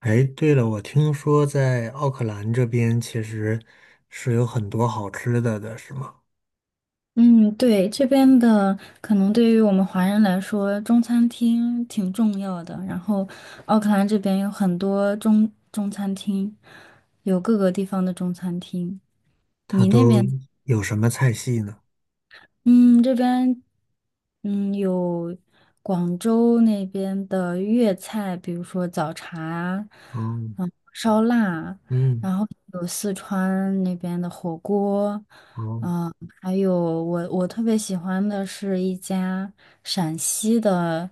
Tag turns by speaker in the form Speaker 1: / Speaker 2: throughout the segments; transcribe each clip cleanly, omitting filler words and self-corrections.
Speaker 1: 哎，对了，我听说在奥克兰这边其实是有很多好吃的，是吗？
Speaker 2: 嗯，对，这边的可能对于我们华人来说，中餐厅挺重要的。然后，奥克兰这边有很多中餐厅，有各个地方的中餐厅。
Speaker 1: 它
Speaker 2: 你那
Speaker 1: 都
Speaker 2: 边？
Speaker 1: 有什么菜系呢？
Speaker 2: 嗯，这边有广州那边的粤菜，比如说早茶，
Speaker 1: 嗯
Speaker 2: 烧腊，
Speaker 1: 嗯。
Speaker 2: 然后有四川那边的火锅，
Speaker 1: 哦。
Speaker 2: 嗯，还有我特别喜欢的是一家陕西的，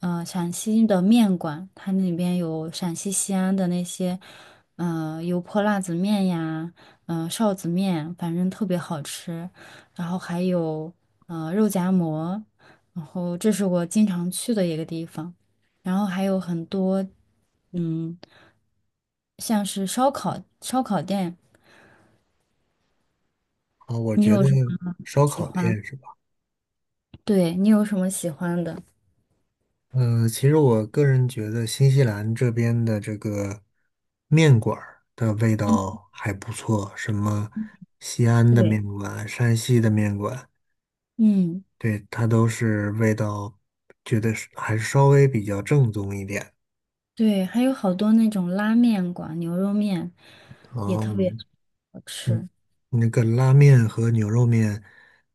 Speaker 2: 陕西的面馆，它那边有陕西西安的那些，油泼辣子面呀，臊子面，反正特别好吃。然后还有肉夹馍，然后这是我经常去的一个地方，然后还有很多嗯，像是烧烤店，
Speaker 1: 哦。我
Speaker 2: 你
Speaker 1: 觉
Speaker 2: 有
Speaker 1: 得
Speaker 2: 什么
Speaker 1: 烧
Speaker 2: 喜
Speaker 1: 烤
Speaker 2: 欢？
Speaker 1: 店是吧？
Speaker 2: 对，你有什么喜欢的？
Speaker 1: 嗯，其实我个人觉得新西兰这边的这个面馆儿的味道还不错，什么西安的
Speaker 2: 对，
Speaker 1: 面馆、山西的面馆，
Speaker 2: 嗯，
Speaker 1: 对，它都是味道，觉得是还是稍微比较正宗一点。
Speaker 2: 对，还有好多那种拉面馆、牛肉面也特别
Speaker 1: 哦。
Speaker 2: 好
Speaker 1: 嗯，
Speaker 2: 吃。
Speaker 1: 那个拉面和牛肉面，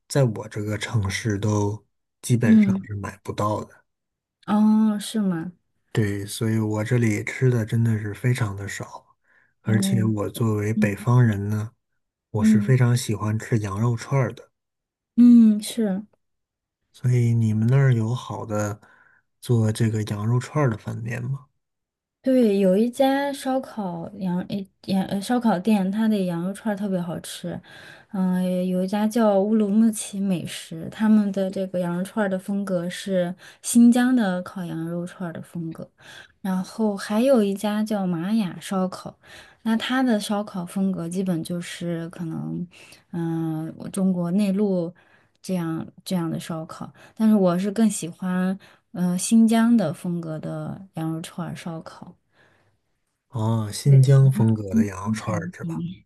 Speaker 1: 在我这个城市都基本上
Speaker 2: 嗯，
Speaker 1: 是买不到的。
Speaker 2: 哦，是吗？
Speaker 1: 对，所以我这里吃的真的是非常的少，而且
Speaker 2: 哦，
Speaker 1: 我作为北
Speaker 2: 嗯
Speaker 1: 方人呢，我是非
Speaker 2: 嗯
Speaker 1: 常喜欢吃羊肉串儿的。
Speaker 2: 嗯，是。
Speaker 1: 所以你们那儿有好的做这个羊肉串儿的饭店吗？
Speaker 2: 对，有一家烧烤店，它的羊肉串儿特别好吃。有一家叫乌鲁木齐美食，他们的这个羊肉串儿的风格是新疆的烤羊肉串儿的风格。然后还有一家叫玛雅烧烤，那它的烧烤风格基本就是可能，我中国内陆这样的烧烤。但是我是更喜欢新疆的风格的羊肉串儿烧烤。
Speaker 1: 哦，
Speaker 2: 对，
Speaker 1: 新疆风格
Speaker 2: 新
Speaker 1: 的羊肉
Speaker 2: 疆
Speaker 1: 串儿
Speaker 2: 餐
Speaker 1: 是吧？
Speaker 2: 厅。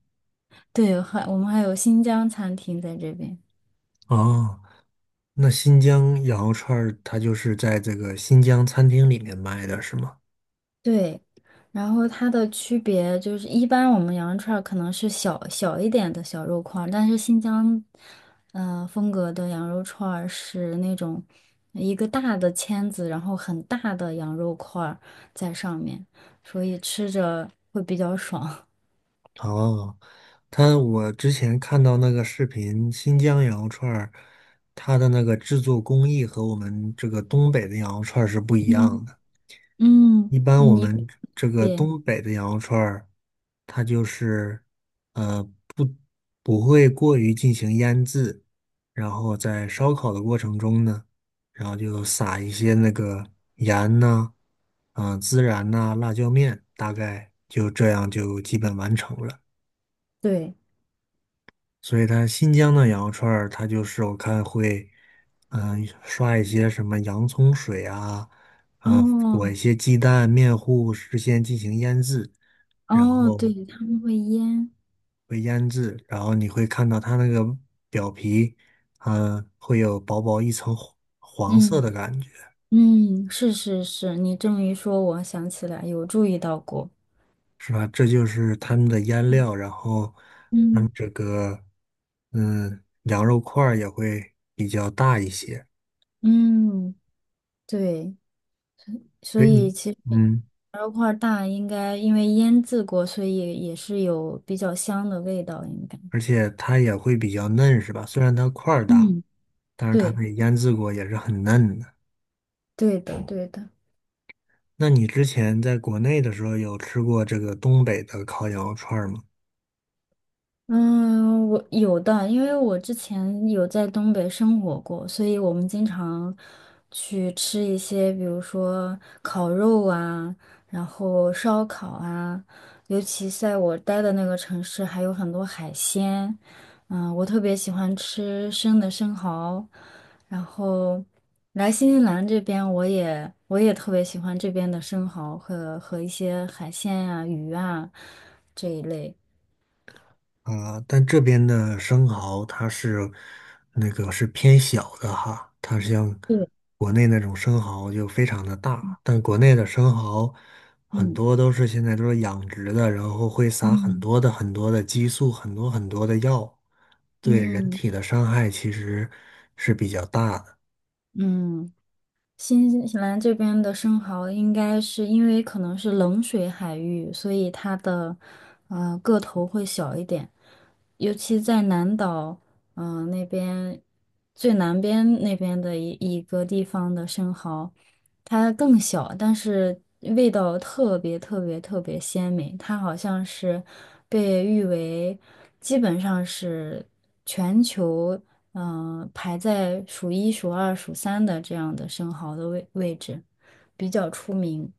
Speaker 2: 对，我们还有新疆餐厅在这边。
Speaker 1: 哦，那新疆羊肉串儿它就是在这个新疆餐厅里面卖的是吗？
Speaker 2: 对，然后它的区别就是，一般我们羊肉串儿可能是小小一点的小肉块儿，但是新疆，风格的羊肉串儿是那种一个大的签子，然后很大的羊肉块儿在上面，所以吃着会比较爽。
Speaker 1: 哦，我之前看到那个视频，新疆羊肉串儿，它的那个制作工艺和我们这个东北的羊肉串儿是不一样
Speaker 2: 嗯
Speaker 1: 的。
Speaker 2: 嗯，
Speaker 1: 一般我们这个
Speaker 2: 对
Speaker 1: 东北的羊肉串儿，它就是呃不会过于进行腌制，然后在烧烤的过程中呢，然后就撒一些那个盐呐、啊、孜然呐、辣椒面，大概就这样就基本完成了。
Speaker 2: 对，
Speaker 1: 所以它新疆的羊肉串儿，它就是我看会，刷一些什么洋葱水啊，啊、
Speaker 2: 哦
Speaker 1: 裹一些鸡蛋、面糊，事先进行腌制，然
Speaker 2: 哦，
Speaker 1: 后
Speaker 2: 对，他们会腌，
Speaker 1: 会腌制，然后你会看到它那个表皮，会有薄薄一层黄色
Speaker 2: 嗯
Speaker 1: 的感觉，
Speaker 2: 嗯，是是是，你这么一说，我想起来有注意到过，
Speaker 1: 是吧？这就是他们的腌料，然后
Speaker 2: 嗯
Speaker 1: 这个，羊肉块儿也会比较大一些，
Speaker 2: 嗯，对，所
Speaker 1: 所以你，
Speaker 2: 以其实
Speaker 1: 嗯。
Speaker 2: 牛肉块儿大应该因为腌制过，所以也是有比较香的味道，应该，
Speaker 1: 而且它也会比较嫩，是吧？虽然它块儿大，
Speaker 2: 嗯，
Speaker 1: 但是它
Speaker 2: 对
Speaker 1: 被腌制过也是很嫩的。
Speaker 2: 对的对的，
Speaker 1: 那你之前在国内的时候有吃过这个东北的烤羊肉串儿吗？
Speaker 2: 嗯，我有的，因为我之前有在东北生活过，所以我们经常去吃一些，比如说烤肉啊，然后烧烤啊，尤其在我待的那个城市，还有很多海鲜。嗯，我特别喜欢吃生的生蚝，然后来新西兰这边，我也特别喜欢这边的生蚝和一些海鲜啊、鱼啊这一类。
Speaker 1: 啊，但这边的生蚝它是那个是偏小的哈，它像
Speaker 2: 对，
Speaker 1: 国内那种生蚝就非常的大，但国内的生蚝很
Speaker 2: 嗯。
Speaker 1: 多都是现在都是养殖的，然后会撒很
Speaker 2: 嗯
Speaker 1: 多的很多的激素，很多很多的药，对人
Speaker 2: 嗯
Speaker 1: 体的伤害其实是比较大的
Speaker 2: 嗯，新西兰这边的生蚝应该是因为可能是冷水海域，所以它的个头会小一点，尤其在南岛，那边最南边那边的一个地方的生蚝，它更小，但是味道特别特别特别鲜美，它好像是被誉为基本上是。全球。排在数一、数二、数三的这样的生蚝的位置，比较出名，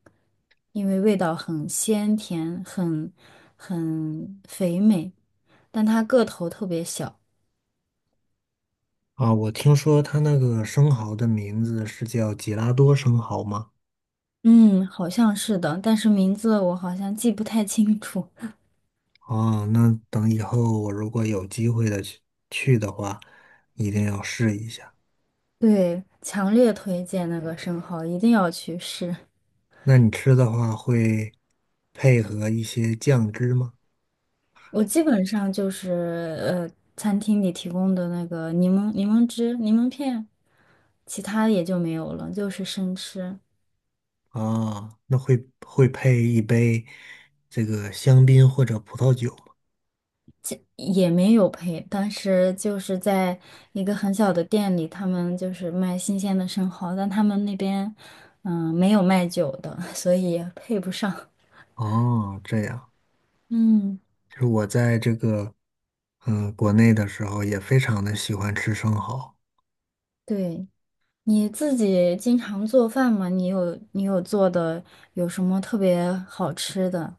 Speaker 2: 因为味道很鲜甜，很肥美，但它个头特别小。
Speaker 1: 啊。我听说它那个生蚝的名字是叫吉拉多生蚝吗？
Speaker 2: 嗯，好像是的，但是名字我好像记不太清楚。
Speaker 1: 哦，那等以后我如果有机会的去的话，一定要试一下。
Speaker 2: 对，强烈推荐那个生蚝，一定要去试。
Speaker 1: 那你吃的话会配合一些酱汁吗？
Speaker 2: 我基本上就是呃，餐厅里提供的那个柠檬、柠檬汁、柠檬片，其他也就没有了，就是生吃。
Speaker 1: 啊，那会配一杯这个香槟或者葡萄酒吗？
Speaker 2: 也没有配，当时就是在一个很小的店里，他们就是卖新鲜的生蚝，但他们那边没有卖酒的，所以也配不上。
Speaker 1: 哦，这样，
Speaker 2: 嗯，
Speaker 1: 就是我在这个国内的时候也非常的喜欢吃生蚝，
Speaker 2: 对，你自己经常做饭吗？你有做的有什么特别好吃的？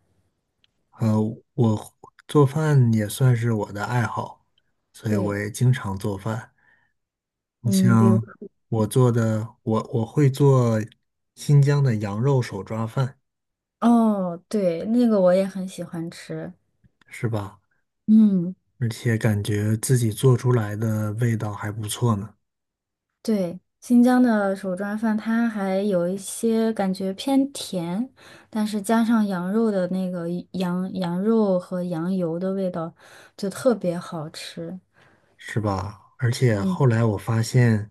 Speaker 1: 呃，我做饭也算是我的爱好，所以我
Speaker 2: 对，
Speaker 1: 也经常做饭。你
Speaker 2: 嗯，比如
Speaker 1: 像我做的，我会做新疆的羊肉手抓饭，
Speaker 2: 哦，对，那个我也很喜欢吃。
Speaker 1: 是吧？
Speaker 2: 嗯。
Speaker 1: 而且感觉自己做出来的味道还不错呢，
Speaker 2: 对，新疆的手抓饭，它还有一些感觉偏甜，但是加上羊肉的那个羊肉和羊油的味道，就特别好吃。
Speaker 1: 是吧？而且后
Speaker 2: 嗯，
Speaker 1: 来我发现，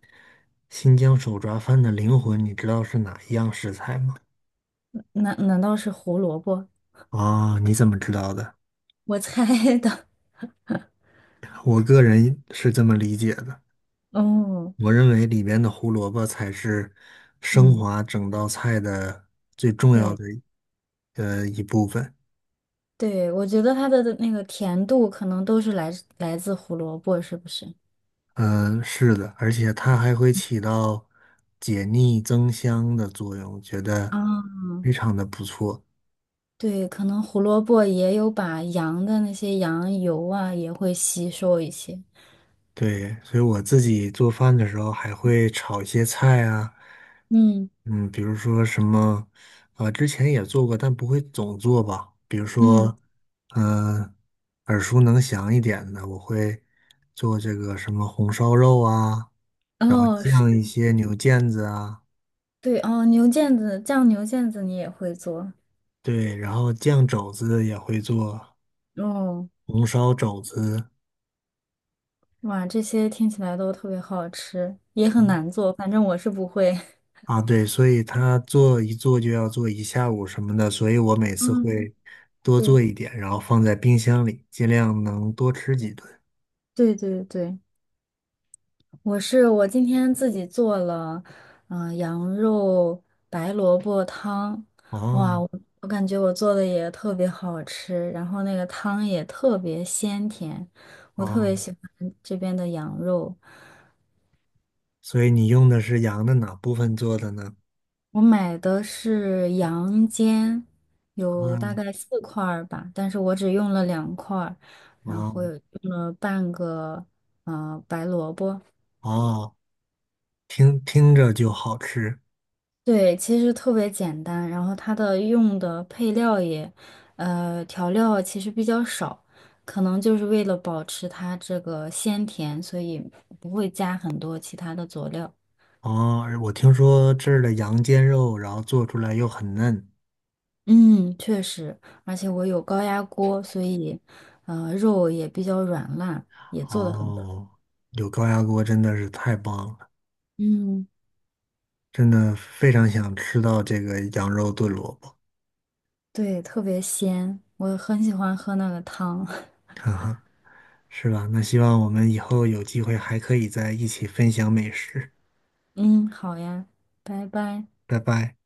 Speaker 1: 新疆手抓饭的灵魂，你知道是哪一样食材吗？
Speaker 2: 难道是胡萝卜？
Speaker 1: 啊，你怎么知道的？
Speaker 2: 我猜的。
Speaker 1: 我个人是这么理解的，
Speaker 2: 哦，
Speaker 1: 我认为里边的胡萝卜才是升
Speaker 2: 嗯，
Speaker 1: 华整道菜的最重要
Speaker 2: 对
Speaker 1: 的一部分。
Speaker 2: 对，我觉得它的那个甜度可能都是来自胡萝卜，是不是？
Speaker 1: 嗯，是的，而且它还会起到解腻增香的作用，觉得
Speaker 2: 啊，
Speaker 1: 非常的不错。
Speaker 2: 对，可能胡萝卜也有把羊的那些羊油啊，也会吸收一些。
Speaker 1: 对，所以我自己做饭的时候还会炒一些菜啊，
Speaker 2: 嗯
Speaker 1: 嗯，比如说什么，之前也做过，但不会总做吧。比如
Speaker 2: 嗯。
Speaker 1: 说，嗯、耳熟能详一点的，我会做这个什么红烧肉啊，然后
Speaker 2: 哦，是
Speaker 1: 酱一些牛腱子啊，
Speaker 2: 对哦，牛腱子酱牛腱子你也会做
Speaker 1: 对，然后酱肘子也会做。
Speaker 2: 哦，
Speaker 1: 红烧肘子
Speaker 2: 哇，这些听起来都特别好吃，也很难做，反正我是不会。
Speaker 1: 啊，对，所以他做一做就要做一下午什么的，所以我每次
Speaker 2: 嗯，
Speaker 1: 会多做
Speaker 2: 对
Speaker 1: 一点，然后放在冰箱里，尽量能多吃几顿。
Speaker 2: 对对对，我今天自己做了，羊肉白萝卜汤，哇，
Speaker 1: 哦
Speaker 2: 我感觉我做的也特别好吃，然后那个汤也特别鲜甜，我特
Speaker 1: 哦，
Speaker 2: 别喜欢这边的羊肉。
Speaker 1: 所以你用的是羊的哪部分做的呢？
Speaker 2: 我买的是羊肩，有大
Speaker 1: 嗯
Speaker 2: 概四块儿吧，但是我只用了两块儿，然
Speaker 1: 啊
Speaker 2: 后有用了半个白萝卜。
Speaker 1: 啊！听着就好吃
Speaker 2: 对，其实特别简单，然后它的用的配料也，调料其实比较少，可能就是为了保持它这个鲜甜，所以不会加很多其他的佐料。
Speaker 1: 啊！我听说这儿的羊肩肉，然后做出来又很嫩。
Speaker 2: 嗯，确实，而且我有高压锅，所以，肉也比较软烂，也做的很不错，
Speaker 1: 哦，有高压锅真的是太棒了。
Speaker 2: 嗯，
Speaker 1: 真的非常想吃到这个羊肉炖萝卜，
Speaker 2: 对，特别鲜，我很喜欢喝那个汤。
Speaker 1: 哈哈，是吧？那希望我们以后有机会还可以在一起分享美食，
Speaker 2: 嗯，好呀，拜拜。
Speaker 1: 拜拜。